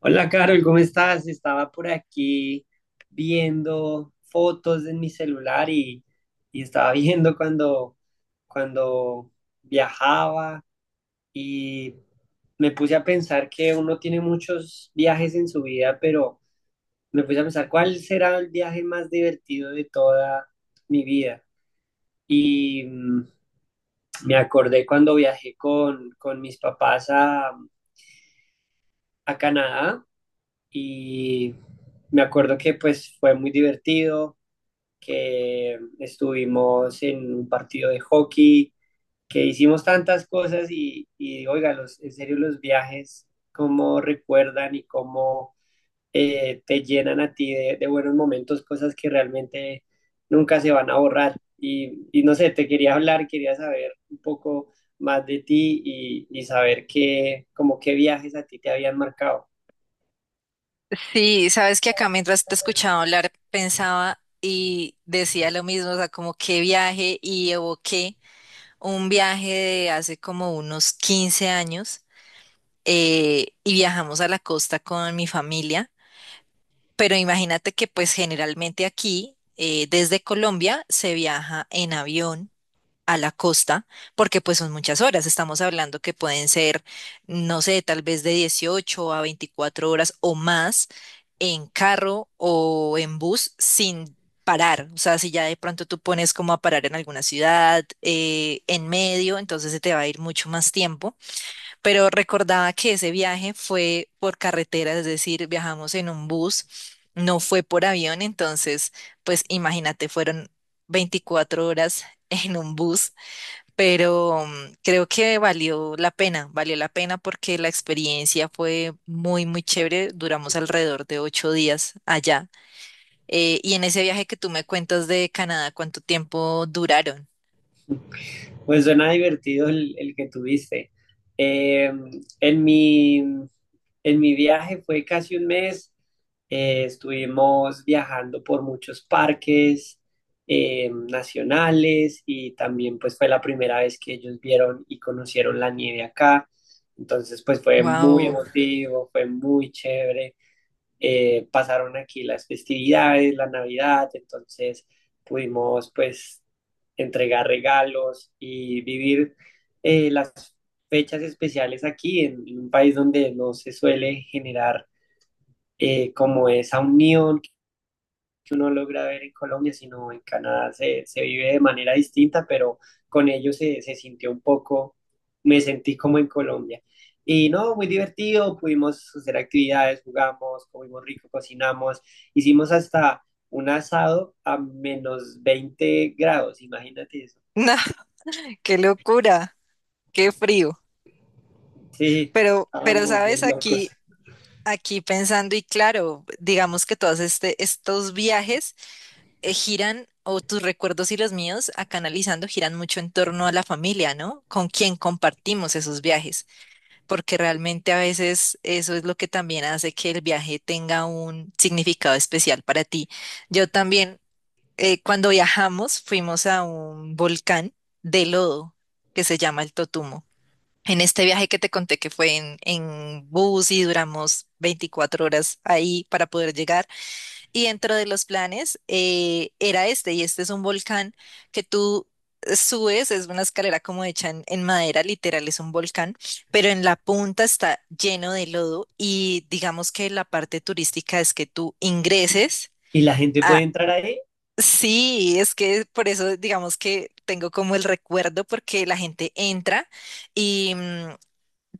Hola Carol, ¿cómo estás? Estaba por aquí viendo fotos en mi celular y estaba viendo cuando viajaba y me puse a pensar que uno tiene muchos viajes en su vida, pero me puse a pensar cuál será el viaje más divertido de toda mi vida. Y me acordé cuando viajé con mis papás a Canadá y me acuerdo que pues fue muy divertido, que estuvimos en un partido de hockey, que hicimos tantas cosas y oiga, los, en serio los viajes, cómo recuerdan y cómo te llenan a ti buenos momentos, cosas que realmente nunca se van a borrar. No sé, te quería hablar, quería saber un poco más de ti y saber qué, como qué viajes a ti te habían marcado. Sí, sabes que acá mientras te escuchaba hablar pensaba y decía lo mismo, o sea, como qué viaje, y evoqué un viaje de hace como unos 15 años y viajamos a la costa con mi familia, pero imagínate que pues generalmente aquí desde Colombia se viaja en avión a la costa, porque pues son muchas horas, estamos hablando que pueden ser, no sé, tal vez de 18 a 24 horas o más en carro o en bus sin parar, o sea, si ya de pronto tú pones como a parar en alguna ciudad, en medio, entonces se te va a ir mucho más tiempo, pero recordaba que ese viaje fue por carretera, es decir, viajamos en un bus, no fue por avión, entonces, pues imagínate, fueron 24 horas en un bus, pero creo que valió la pena porque la experiencia fue muy, muy chévere. Duramos alrededor de 8 días allá. Y en ese viaje que tú me cuentas de Canadá, ¿cuánto tiempo duraron? Pues suena divertido el que tuviste. Eh, en mi, en mi viaje fue casi un mes. Eh, estuvimos viajando por muchos parques nacionales y también pues fue la primera vez que ellos vieron y conocieron la nieve acá. Entonces pues fue muy Wow. emotivo, fue muy chévere. Eh, pasaron aquí las festividades, la Navidad, entonces pudimos pues entregar regalos y vivir las fechas especiales en un país donde no se suele generar como esa unión que uno logra ver en Colombia, sino en Canadá se vive de manera distinta, pero con ellos se sintió un poco, me sentí como en Colombia. Y no, muy divertido, pudimos hacer actividades, jugamos, comimos rico, cocinamos, hicimos hasta un asado a menos 20 grados, imagínate eso. No, qué locura, qué frío. Sí, Pero estábamos sabes, bien locos. aquí, aquí pensando y claro, digamos que todos estos viajes giran, o tus recuerdos y los míos, acá analizando, giran mucho en torno a la familia, ¿no? Con quien compartimos esos viajes, porque realmente a veces eso es lo que también hace que el viaje tenga un significado especial para ti. Yo también, cuando viajamos, fuimos a un volcán de lodo que se llama el Totumo. En este viaje que te conté que fue en bus y duramos 24 horas ahí para poder llegar. Y dentro de los planes era este, y este es un volcán que tú subes, es una escalera como hecha en madera, literal es un volcán, pero en la punta está lleno de lodo, y digamos que la parte turística es que tú ingreses Y la gente puede a... entrar ahí. Sí, es que por eso digamos que tengo como el recuerdo porque la gente entra y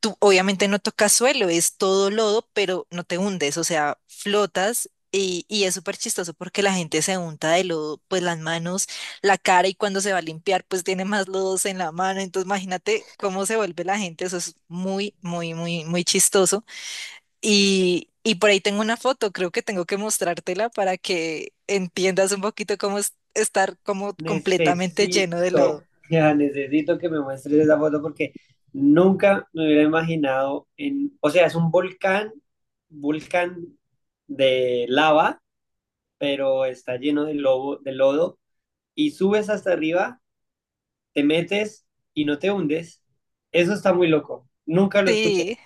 tú obviamente no tocas suelo, es todo lodo, pero no te hundes, o sea, flotas, y es súper chistoso porque la gente se unta de lodo, pues las manos, la cara, y cuando se va a limpiar, pues tiene más lodos en la mano, entonces imagínate cómo se vuelve la gente, eso es muy, muy, muy, muy chistoso. Y por ahí tengo una foto, creo que tengo que mostrártela para que entiendas un poquito cómo es estar como completamente lleno de Necesito, lodo. ya necesito que me muestres esa foto porque nunca me hubiera imaginado en, o sea, es un volcán, volcán de lava, pero está lleno de lobo, de lodo y subes hasta arriba, te metes y no te hundes. Eso está muy loco. Nunca lo escuché. Sí.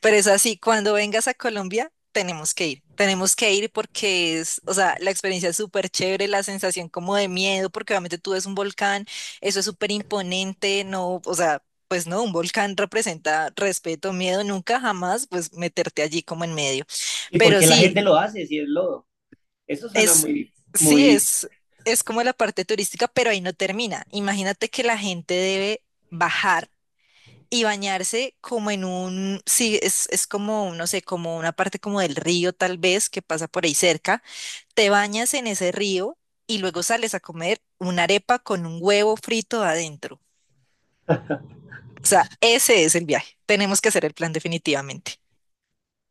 Pero es así, cuando vengas a Colombia, tenemos que ir. Tenemos que ir porque es, o sea, la experiencia es súper chévere, la sensación como de miedo, porque obviamente tú ves un volcán, eso es súper imponente, no, o sea, pues no, un volcán representa respeto, miedo, nunca jamás, pues meterte allí como en medio. ¿Y por Pero qué la gente lo hace si es lodo? Eso suena es, muy, sí, muy. Es como la parte turística, pero ahí no termina. Imagínate que la gente debe bajar y bañarse como en un, sí, es como, no sé, como una parte como del río tal vez que pasa por ahí cerca. Te bañas en ese río y luego sales a comer una arepa con un huevo frito adentro. O sea, ese es el viaje. Tenemos que hacer el plan definitivamente.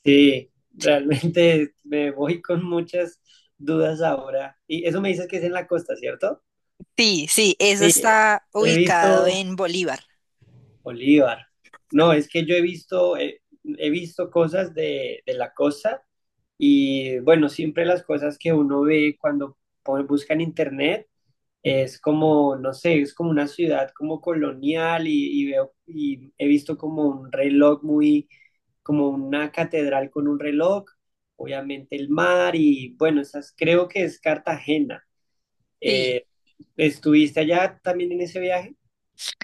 Sí, realmente me voy con muchas dudas ahora. Y eso me dices que es en la costa, ¿cierto? Sí, sí, eso Sí, está he ubicado visto en Bolívar. Bolívar. No, es que yo he visto, visto cosas de la costa y bueno, siempre las cosas que uno ve cuando pone- busca en internet. Es como, no sé, es como una ciudad como colonial y veo y he visto como un reloj muy, como una catedral con un reloj, obviamente el mar y bueno, esas creo que es Cartagena. Sí. Eh, ¿Estuviste allá también en ese viaje?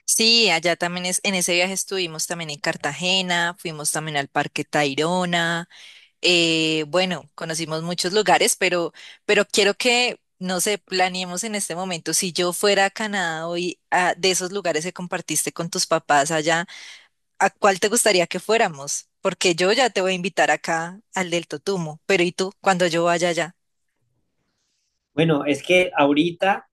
Sí, allá también es, en ese viaje estuvimos también en Cartagena, fuimos también al Parque Tayrona. Bueno, conocimos muchos lugares, pero quiero que, no sé, planeemos en este momento, si yo fuera a Canadá hoy, a- de esos lugares que compartiste con tus papás allá, ¿a cuál te gustaría que fuéramos? Porque yo ya te voy a invitar acá al del Totumo, pero ¿y tú cuando yo vaya allá? Bueno, es que ahorita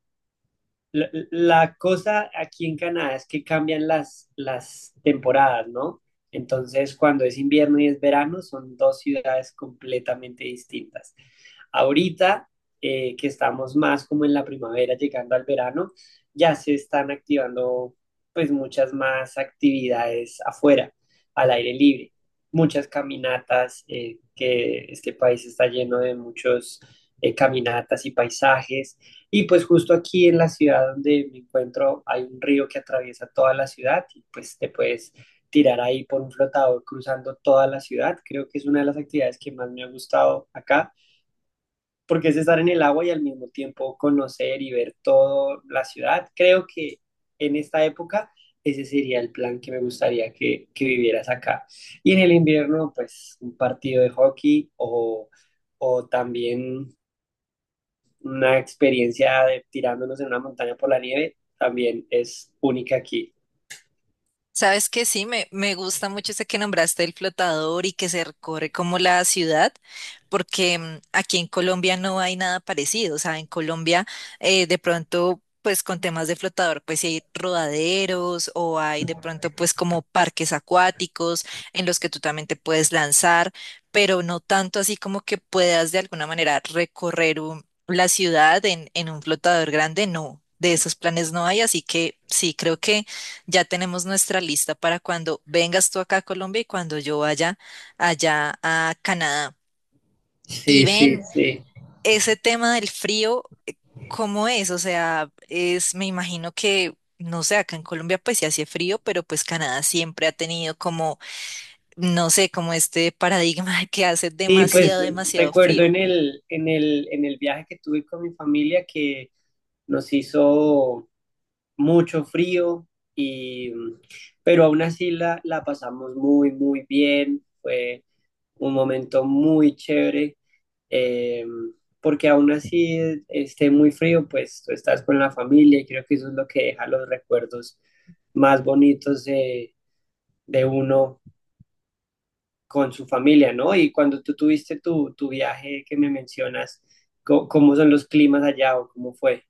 la cosa aquí en Canadá es que cambian las temporadas, ¿no? Entonces, cuando es invierno y es verano, son dos ciudades completamente distintas. Ahorita, que estamos más como en la primavera, llegando al verano, ya se están activando pues muchas más actividades afuera, al aire libre, muchas caminatas, que este país está lleno de muchos caminatas y paisajes y pues justo aquí en la ciudad donde me encuentro hay un río que atraviesa toda la ciudad y pues te puedes tirar ahí por un flotador cruzando toda la ciudad. Creo que es una de las actividades que más me ha gustado acá porque es estar en el agua y al mismo tiempo conocer y ver toda la ciudad. Creo que en esta época ese sería el plan que me gustaría que vivieras acá. Y en el invierno, pues un partido de hockey o también una experiencia de tirándonos en una montaña por la nieve también es única aquí. Sabes que sí, me gusta mucho ese que nombraste, el flotador y que se recorre como la ciudad, porque aquí en Colombia no hay nada parecido. O sea, en Colombia de pronto, pues con temas de flotador, pues sí hay rodaderos o hay de pronto pues como parques acuáticos en los que tú también te puedes lanzar, pero no tanto así como que puedas de alguna manera recorrer un- la ciudad en un flotador grande, no. De esos planes no hay, así que sí, creo que ya tenemos nuestra lista para cuando vengas tú acá a Colombia y cuando yo vaya allá a Canadá. Y Sí, sí, ven, sí. ese tema del frío, ¿cómo es? O sea, es, me imagino que, no sé, acá en Colombia pues sí hace frío, pero pues Canadá siempre ha tenido como, no sé, como este paradigma de que hace Y pues demasiado, demasiado recuerdo frío. En el viaje que tuve con mi familia que nos hizo mucho frío, y, pero aún así la pasamos muy, muy bien. Fue un momento muy chévere, eh, porque aún así esté muy frío, pues tú estás con la familia y creo que eso es lo que deja los recuerdos más bonitos de uno con su familia, ¿no? Y cuando tú tuviste tu viaje que me mencionas, ¿cómo son los climas allá o cómo fue?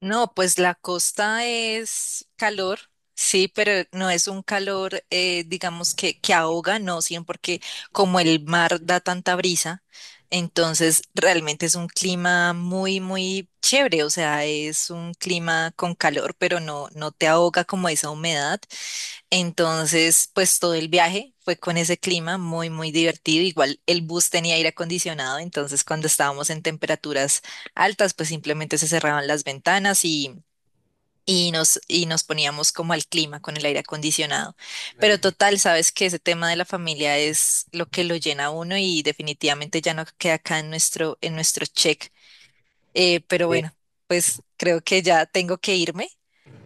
No, pues la costa es calor, sí, pero no es un calor, digamos, que ahoga, no, sí, porque como el mar da tanta brisa, entonces realmente es un clima muy, muy chévere, o sea, es un clima con calor, pero no, no te ahoga como esa humedad. Entonces, pues todo el viaje fue con ese clima muy, muy divertido. Igual el bus tenía aire acondicionado, entonces cuando estábamos en temperaturas altas, pues simplemente se cerraban las ventanas y nos poníamos como al clima con el aire acondicionado. Pero total, sabes que ese tema de la familia es lo que lo llena a uno, y definitivamente ya no queda acá en nuestro check, pero Eh, bueno, pues creo que ya tengo que irme.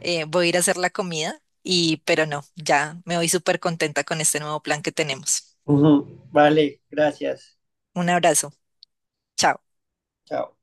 Voy a ir a hacer la comida y, pero no, ya me voy súper contenta con este nuevo plan que tenemos. ujú. Vale, gracias. Un abrazo. Chao. Chao.